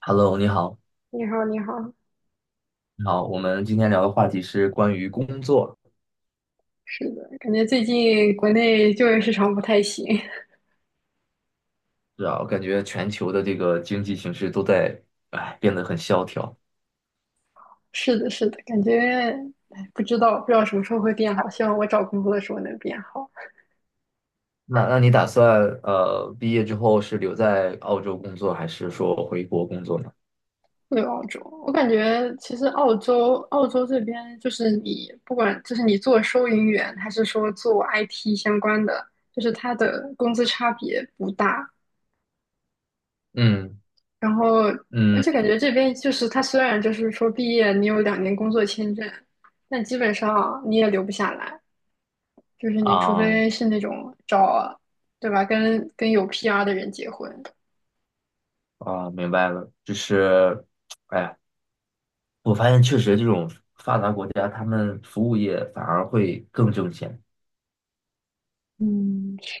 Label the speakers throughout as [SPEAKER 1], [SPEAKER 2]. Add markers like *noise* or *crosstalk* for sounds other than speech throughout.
[SPEAKER 1] Hello，你好，
[SPEAKER 2] 你好，你好，
[SPEAKER 1] 你好，我们今天聊的话题是关于工作。
[SPEAKER 2] 是的，感觉最近国内就业市场不太行。
[SPEAKER 1] 是啊，我感觉全球的这个经济形势都在，哎，变得很萧条。
[SPEAKER 2] *laughs* 是的，是的，感觉，哎，不知道什么时候会变好。希望我找工作的时候能变好。
[SPEAKER 1] 那你打算毕业之后是留在澳洲工作，还是说回国工作呢？
[SPEAKER 2] 对，澳洲，我感觉其实澳洲这边就是你不管就是你做收银员还是说做 IT 相关的，就是它的工资差别不大。
[SPEAKER 1] 嗯
[SPEAKER 2] 然后，而且
[SPEAKER 1] 嗯
[SPEAKER 2] 感觉这边就是它虽然就是说毕业你有2年工作签证，但基本上你也留不下来。就是你除
[SPEAKER 1] 啊
[SPEAKER 2] 非是那种找啊，对吧？跟有 PR 的人结婚。
[SPEAKER 1] 啊，明白了，就是，哎，我发现确实这种发达国家，他们服务业反而会更挣钱。
[SPEAKER 2] 嗯，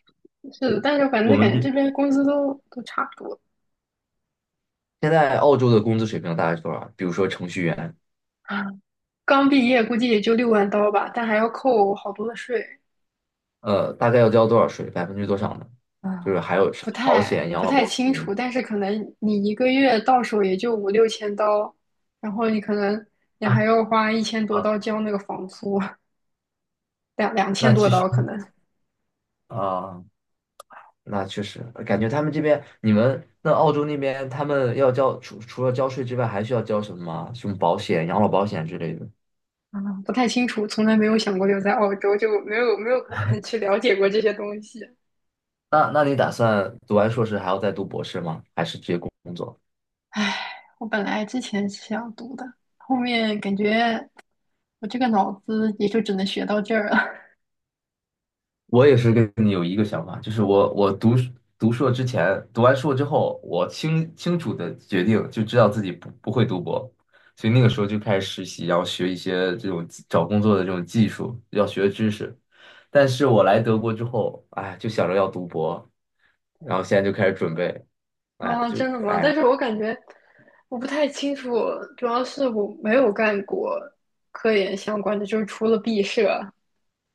[SPEAKER 2] 是
[SPEAKER 1] 对，
[SPEAKER 2] 的。但是反
[SPEAKER 1] 我
[SPEAKER 2] 正感
[SPEAKER 1] 们
[SPEAKER 2] 觉
[SPEAKER 1] 这
[SPEAKER 2] 这边工资都差不多。
[SPEAKER 1] 现在澳洲的工资水平大概是多少？比如说程序员。
[SPEAKER 2] 啊，刚毕业估计也就6万刀吧，但还要扣好多的税。
[SPEAKER 1] 大概要交多少税，百分之多少呢？就
[SPEAKER 2] 啊，
[SPEAKER 1] 是还有什么保险、养
[SPEAKER 2] 不
[SPEAKER 1] 老
[SPEAKER 2] 太
[SPEAKER 1] 保
[SPEAKER 2] 清楚。
[SPEAKER 1] 险
[SPEAKER 2] 但是可能你一个月到手也就五六千刀，然后你可能你还
[SPEAKER 1] 啊
[SPEAKER 2] 要花一千多
[SPEAKER 1] 啊。
[SPEAKER 2] 刀交那个房租，两
[SPEAKER 1] 那
[SPEAKER 2] 千多
[SPEAKER 1] 其实
[SPEAKER 2] 刀可能。
[SPEAKER 1] 啊，那确实感觉他们这边，你们那澳洲那边，他们要交除了交税之外，还需要交什么吗？什么保险、养老保险之类的？
[SPEAKER 2] 嗯，不太清楚，从来没有想过留在澳洲，就没有很 *laughs* 去了解过这些东西。
[SPEAKER 1] 那你打算读完硕士还要再读博士吗？还是直接工作？
[SPEAKER 2] 唉，我本来之前是想读的，后面感觉我这个脑子也就只能学到这儿了。
[SPEAKER 1] 我也是跟你有一个想法，就是我读书，读硕之前，读完硕之后，我清清楚的决定就知道自己不会读博，所以那个时候就开始实习，然后学一些这种技找工作的这种技术要学的知识。但是我来德国之后，哎，就想着要读博，然后现在就开始准备，
[SPEAKER 2] *laughs*
[SPEAKER 1] 哎，
[SPEAKER 2] 啊，
[SPEAKER 1] 就
[SPEAKER 2] 真的吗？但
[SPEAKER 1] 哎，
[SPEAKER 2] 是我感觉我不太清楚，主要是我没有干过科研相关的，就是除了毕设，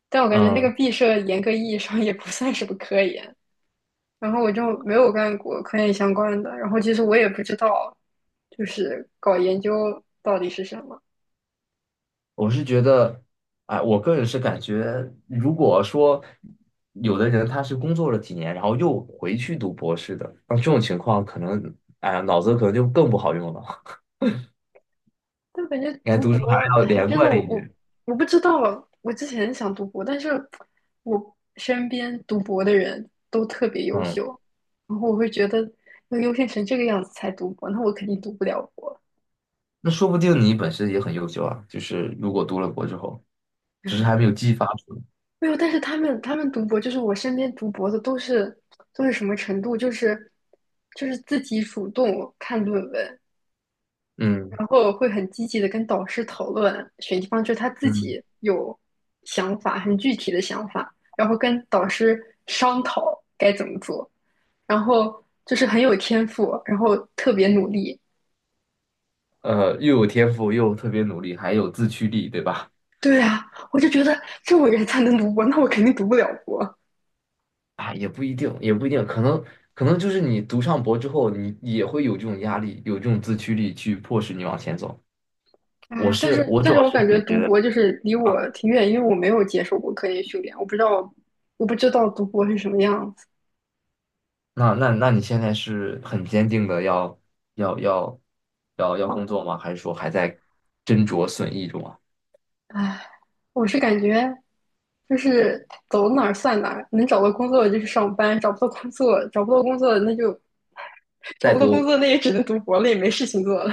[SPEAKER 2] 但我感觉那个
[SPEAKER 1] 嗯。
[SPEAKER 2] 毕设严格意义上也不算什么科研。然后我就没有干过科研相关的，然后其实我也不知道，就是搞研究到底是什么。
[SPEAKER 1] 我是觉得，哎，我个人是感觉，如果说有的人他是工作了几年，然后又回去读博士的，那这种情况可能，哎呀，脑子可能就更不好用了。*laughs*
[SPEAKER 2] 但感觉
[SPEAKER 1] 应该
[SPEAKER 2] 读
[SPEAKER 1] 读书
[SPEAKER 2] 博，
[SPEAKER 1] 还是要
[SPEAKER 2] 哎，
[SPEAKER 1] 连
[SPEAKER 2] 真的
[SPEAKER 1] 贯一点。
[SPEAKER 2] 我不知道，我之前想读博。但是我身边读博的人都特别优
[SPEAKER 1] 嗯，
[SPEAKER 2] 秀，然后我会觉得要优秀成这个样子才读博，那我肯定读不了博。
[SPEAKER 1] 那说不定你本身也很优秀啊，就是如果读了博之后，只是还没有
[SPEAKER 2] *laughs*
[SPEAKER 1] 激发出来。
[SPEAKER 2] 没有，但是他们读博，就是我身边读博的都是什么程度？就是自己主动看论文，
[SPEAKER 1] 嗯
[SPEAKER 2] 然后会很积极的跟导师讨论选地方，就是他自
[SPEAKER 1] 嗯，
[SPEAKER 2] 己有想法，很具体的想法，然后跟导师商讨该怎么做，然后就是很有天赋，然后特别努力。
[SPEAKER 1] 又有天赋，又特别努力，还有自驱力，对吧？
[SPEAKER 2] 对啊，我就觉得这种人才能读博，那我肯定读不了博。
[SPEAKER 1] 啊，也不一定，也不一定，可能，就是你读上博之后，你也会有这种压力，有这种自驱力去迫使你往前走。我
[SPEAKER 2] 啊，
[SPEAKER 1] 是我
[SPEAKER 2] 但
[SPEAKER 1] 主
[SPEAKER 2] 是
[SPEAKER 1] 要
[SPEAKER 2] 我
[SPEAKER 1] 是
[SPEAKER 2] 感
[SPEAKER 1] 可
[SPEAKER 2] 觉
[SPEAKER 1] 能觉
[SPEAKER 2] 读
[SPEAKER 1] 得，
[SPEAKER 2] 博就是离我挺远，因为我没有接受过科研训练，我不知道读博是什么样子。
[SPEAKER 1] 那你现在是很坚定的要要要工作吗？还是说还在斟酌损益中啊？
[SPEAKER 2] 唉，我是感觉就是走哪儿算哪儿，能找到工作就去上班，找不到工作，找不到工作那就 *laughs* 找
[SPEAKER 1] 在
[SPEAKER 2] 不到工
[SPEAKER 1] 读，
[SPEAKER 2] 作，那也只能读博了，也没事情做了。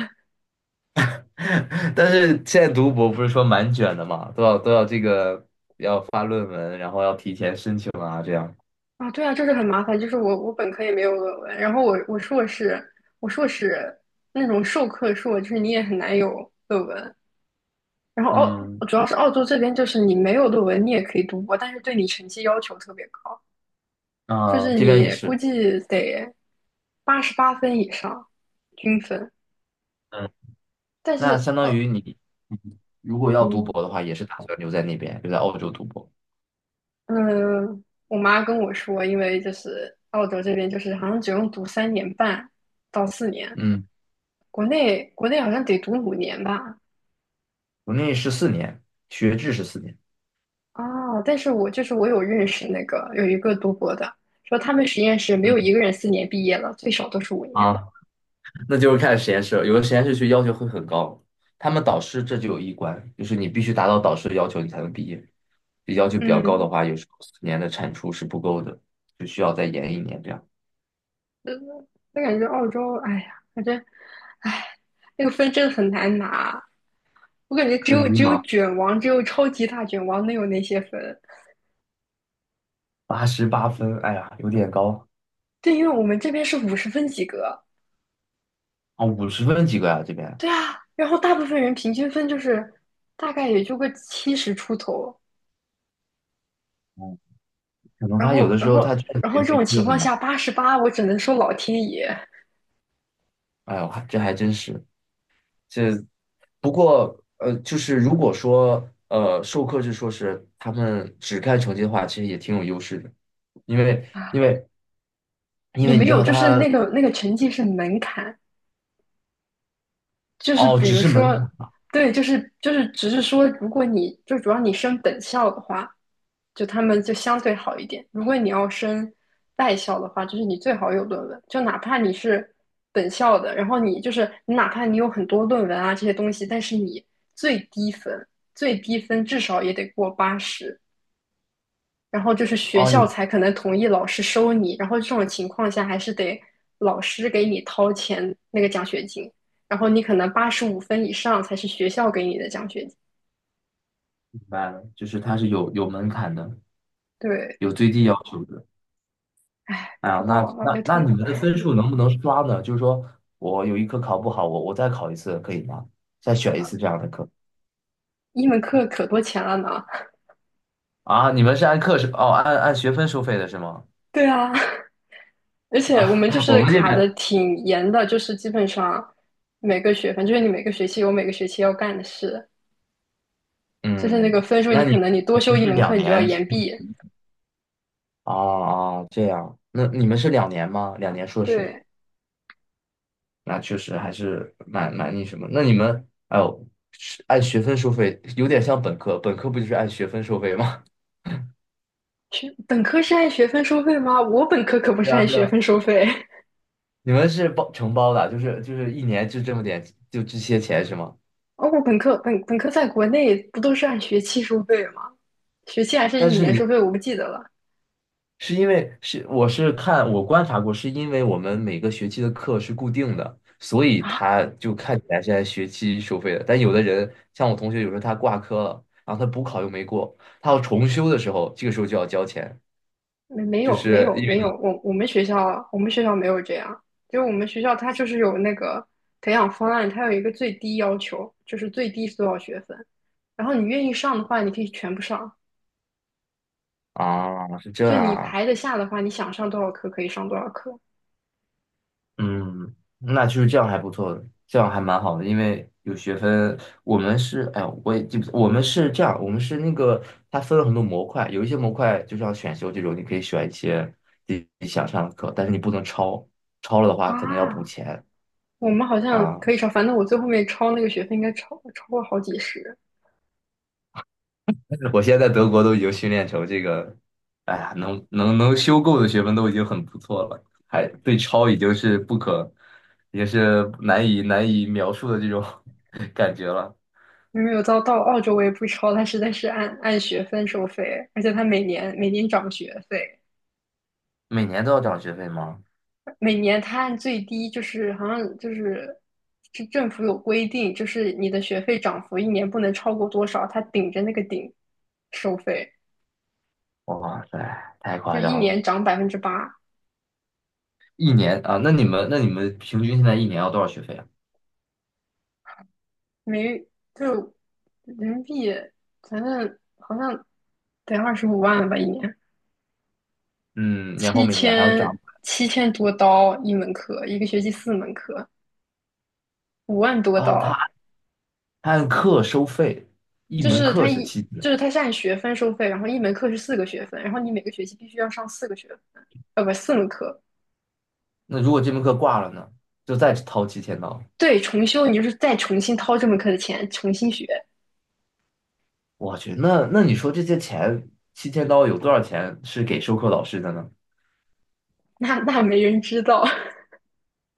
[SPEAKER 1] *laughs* 但是现在读博不是说蛮卷的嘛，都要这个要发论文，然后要提前申请啊，这样。
[SPEAKER 2] *laughs* 啊，对啊，就是很麻烦。就是我本科也没有论文，然后我硕士那种授课硕，就是你也很难有论文。然后
[SPEAKER 1] 嗯，
[SPEAKER 2] 主要是澳洲这边，就是你没有论文你也可以读博，但是对你成绩要求特别高。就
[SPEAKER 1] 啊、
[SPEAKER 2] 是
[SPEAKER 1] 这边
[SPEAKER 2] 你
[SPEAKER 1] 也
[SPEAKER 2] 估
[SPEAKER 1] 是。
[SPEAKER 2] 计得88分以上均分。
[SPEAKER 1] 嗯。
[SPEAKER 2] 但
[SPEAKER 1] 那
[SPEAKER 2] 是，
[SPEAKER 1] 相当于你，嗯，如果要读
[SPEAKER 2] 嗯
[SPEAKER 1] 博的话，也是打算留在那边，留在澳洲读博。
[SPEAKER 2] 嗯。我妈跟我说，因为就是澳洲这边就是好像只用读3年半到四年，
[SPEAKER 1] 嗯，
[SPEAKER 2] 国内好像得读五年吧。
[SPEAKER 1] 我内14年，学制是四年。
[SPEAKER 2] 啊，但是我就是我有认识那个有一个读博的，说他们实验室没有一
[SPEAKER 1] 嗯
[SPEAKER 2] 个人四年毕业了，最少都是五年。
[SPEAKER 1] 啊，那就是看实验室了，有的实验室去要求会很高，他们导师这就有一关，就是你必须达到导师的要求，你才能毕业。就要求比较高
[SPEAKER 2] 嗯，
[SPEAKER 1] 的话，有时候四年的产出是不够的，就需要再延一年这样。
[SPEAKER 2] 那感觉澳洲，哎呀，反正。唉，那个分真的很难拿。我感觉
[SPEAKER 1] 很迷
[SPEAKER 2] 只有
[SPEAKER 1] 茫，
[SPEAKER 2] 卷王，只有超级大卷王能有那些分。
[SPEAKER 1] 88分，哎呀，有点高
[SPEAKER 2] 对，因为我们这边是50分及格。
[SPEAKER 1] 啊，50分几个啊这边。
[SPEAKER 2] 对啊，然后大部分人平均分就是大概也就个70出头。
[SPEAKER 1] 嗯，可能他有的时候他卷子
[SPEAKER 2] 然后
[SPEAKER 1] 也
[SPEAKER 2] 这
[SPEAKER 1] 会
[SPEAKER 2] 种
[SPEAKER 1] 出的
[SPEAKER 2] 情
[SPEAKER 1] 很
[SPEAKER 2] 况
[SPEAKER 1] 难，
[SPEAKER 2] 下，八十八，我只能说老天爷
[SPEAKER 1] 哎呦，还这还真是。这不过就是如果说授课制硕士他们只看成绩的话，其实也挺有优势的，因为
[SPEAKER 2] 啊。
[SPEAKER 1] 因为因
[SPEAKER 2] 也
[SPEAKER 1] 为你
[SPEAKER 2] 没
[SPEAKER 1] 知
[SPEAKER 2] 有，
[SPEAKER 1] 道
[SPEAKER 2] 就是
[SPEAKER 1] 他，
[SPEAKER 2] 那个成绩是门槛，就是
[SPEAKER 1] 哦，
[SPEAKER 2] 比
[SPEAKER 1] 只
[SPEAKER 2] 如
[SPEAKER 1] 是门槛，
[SPEAKER 2] 说，对，就是只是说，如果你就主要你升本校的话，就他们就相对好一点。如果你要升外校的话，就是你最好有论文，就哪怕你是本校的，然后你就是你哪怕你有很多论文啊这些东西，但是你最低分最低分至少也得过八十，然后就是学
[SPEAKER 1] 哦，
[SPEAKER 2] 校
[SPEAKER 1] 有
[SPEAKER 2] 才可能同意老师收你，然后这种情况下还是得老师给你掏钱那个奖学金，然后你可能85分以上才是学校给你的奖学金。
[SPEAKER 1] 明白了，就是他是有门槛的，
[SPEAKER 2] 对，
[SPEAKER 1] 有最低要求的。哎
[SPEAKER 2] 不
[SPEAKER 1] 呀，
[SPEAKER 2] 知
[SPEAKER 1] 那
[SPEAKER 2] 道，脑袋
[SPEAKER 1] 那那你
[SPEAKER 2] 痛。
[SPEAKER 1] 们的分数能不能刷呢？就是说我有一科考不好，我再考一次可以吗？再选一次这样的课
[SPEAKER 2] 一门课可多钱了呢。
[SPEAKER 1] 啊？你们是按课是哦，按学分收费的是吗？
[SPEAKER 2] *laughs* 对啊，而且我
[SPEAKER 1] 啊，
[SPEAKER 2] 们就
[SPEAKER 1] *laughs* 我
[SPEAKER 2] 是
[SPEAKER 1] 们这
[SPEAKER 2] 卡
[SPEAKER 1] 边
[SPEAKER 2] 的挺严的，就是基本上每个学分，就是你每个学期要干的事，就是那
[SPEAKER 1] 嗯，
[SPEAKER 2] 个分数，你
[SPEAKER 1] 那
[SPEAKER 2] 可
[SPEAKER 1] 你
[SPEAKER 2] 能你多修一
[SPEAKER 1] 你是
[SPEAKER 2] 门课
[SPEAKER 1] 两
[SPEAKER 2] 你就要
[SPEAKER 1] 年是
[SPEAKER 2] 延
[SPEAKER 1] 吗，
[SPEAKER 2] 毕。
[SPEAKER 1] 啊啊，这样，那你们是两年吗？两年硕士，
[SPEAKER 2] 对，
[SPEAKER 1] 那确实还是蛮那什么。那你们，哎呦，是按学分收费，有点像本科，本科不就是按学分收费吗？
[SPEAKER 2] 学本科是按学分收费吗？我本科可不
[SPEAKER 1] *laughs* 对
[SPEAKER 2] 是
[SPEAKER 1] 啊，
[SPEAKER 2] 按
[SPEAKER 1] 对
[SPEAKER 2] 学
[SPEAKER 1] 啊，
[SPEAKER 2] 分收费。
[SPEAKER 1] 你们是包承包的，就是一年就这么点，就这些钱是吗？
[SPEAKER 2] *laughs* 哦，我本科在国内不都是按学期收费吗？学期还是
[SPEAKER 1] 但
[SPEAKER 2] 一
[SPEAKER 1] 是
[SPEAKER 2] 年收
[SPEAKER 1] 你
[SPEAKER 2] 费，我不记得了。
[SPEAKER 1] 是因为是我是看我观察过，是因为我们每个学期的课是固定的，所以
[SPEAKER 2] 啊，
[SPEAKER 1] 他就看起来是按学期收费的。但有的人像我同学，有时候他挂科了，然后他补考又没过，他要重修的时候，这个时候就要交钱，就是因
[SPEAKER 2] 没有，
[SPEAKER 1] 为
[SPEAKER 2] 我们学校没有这样。就我们学校它就是有那个培养方案，它有一个最低要求，就是最低是多少学分，然后你愿意上的话，你可以全部上，
[SPEAKER 1] 啊是这
[SPEAKER 2] 就
[SPEAKER 1] 样
[SPEAKER 2] 你
[SPEAKER 1] 啊。
[SPEAKER 2] 排得下的话，你想上多少课可以上多少课。
[SPEAKER 1] 嗯，那就是这样还不错的，这样还蛮好的，因为有学分。我们是，哎呀，我也记不，我们是这样，我们是那个，它分了很多模块，有一些模块就像选修这种，你可以选一些自己想上的课，但是你不能超，超了的话可能要补
[SPEAKER 2] 啊，
[SPEAKER 1] 钱
[SPEAKER 2] 我们好像
[SPEAKER 1] 啊。
[SPEAKER 2] 可以超，反正我最后面超那个学费应该超过好几十，
[SPEAKER 1] *laughs* 我现在在德国都已经训练成这个，哎呀，能修够的学分都已经很不错了，还对超已经是不可，也是难以描述的这种 *laughs* 感觉了。
[SPEAKER 2] 因为有到澳洲我也不超，它实在是按学分收费，而且它每年每年涨学费。
[SPEAKER 1] 每年都要涨学费吗？
[SPEAKER 2] 每年它按最低就是好像是政府有规定，就是你的学费涨幅一年不能超过多少，它顶着那个顶收费，
[SPEAKER 1] 哇塞，太
[SPEAKER 2] 就
[SPEAKER 1] 夸
[SPEAKER 2] 一
[SPEAKER 1] 张了！
[SPEAKER 2] 年涨8%。
[SPEAKER 1] 一年啊，那你们平均现在一年要多少学费啊？
[SPEAKER 2] 没就是人民币，反正好像得25万吧一年，
[SPEAKER 1] 嗯，然后
[SPEAKER 2] 七
[SPEAKER 1] 每年还要涨。
[SPEAKER 2] 千7000多刀一门课，一个学期四门课，五万多
[SPEAKER 1] 哦，
[SPEAKER 2] 刀，
[SPEAKER 1] 他按课收费，一
[SPEAKER 2] 就
[SPEAKER 1] 门
[SPEAKER 2] 是
[SPEAKER 1] 课是七千。
[SPEAKER 2] 就是他是按学分收费，然后一门课是四个学分，然后你每个学期必须要上四个学分，不，四门课。
[SPEAKER 1] 那如果这门课挂了呢，就再掏七千刀。
[SPEAKER 2] 对，重修你就是再重新掏这门课的钱，重新学，
[SPEAKER 1] 我去，那你说这些钱，七千刀有多少钱是给授课老师的呢？
[SPEAKER 2] 那没人知道 *laughs*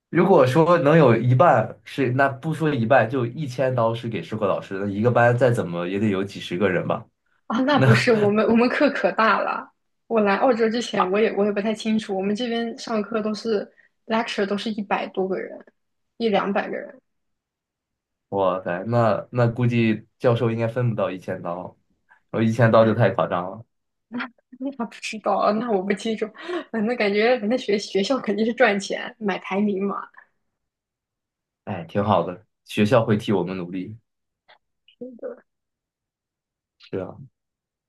[SPEAKER 1] 如果说能有一半是，那不说一半，就一千刀是给授课老师的，一个班再怎么也得有几十个人吧。
[SPEAKER 2] 啊，那不
[SPEAKER 1] 那。
[SPEAKER 2] 是我们课可大了。我来澳洲之前，我也不太清楚，我们这边上课都是 lecture 都是100多个人，一两百个人。
[SPEAKER 1] 哇塞，那估计教授应该分不到一千刀，我一千刀就太夸张了。
[SPEAKER 2] 那还不知道，那我不清楚。*laughs* 反正感觉那学校肯定是赚钱，买排名嘛。
[SPEAKER 1] 哎，挺好的，学校会替我们努力。是啊。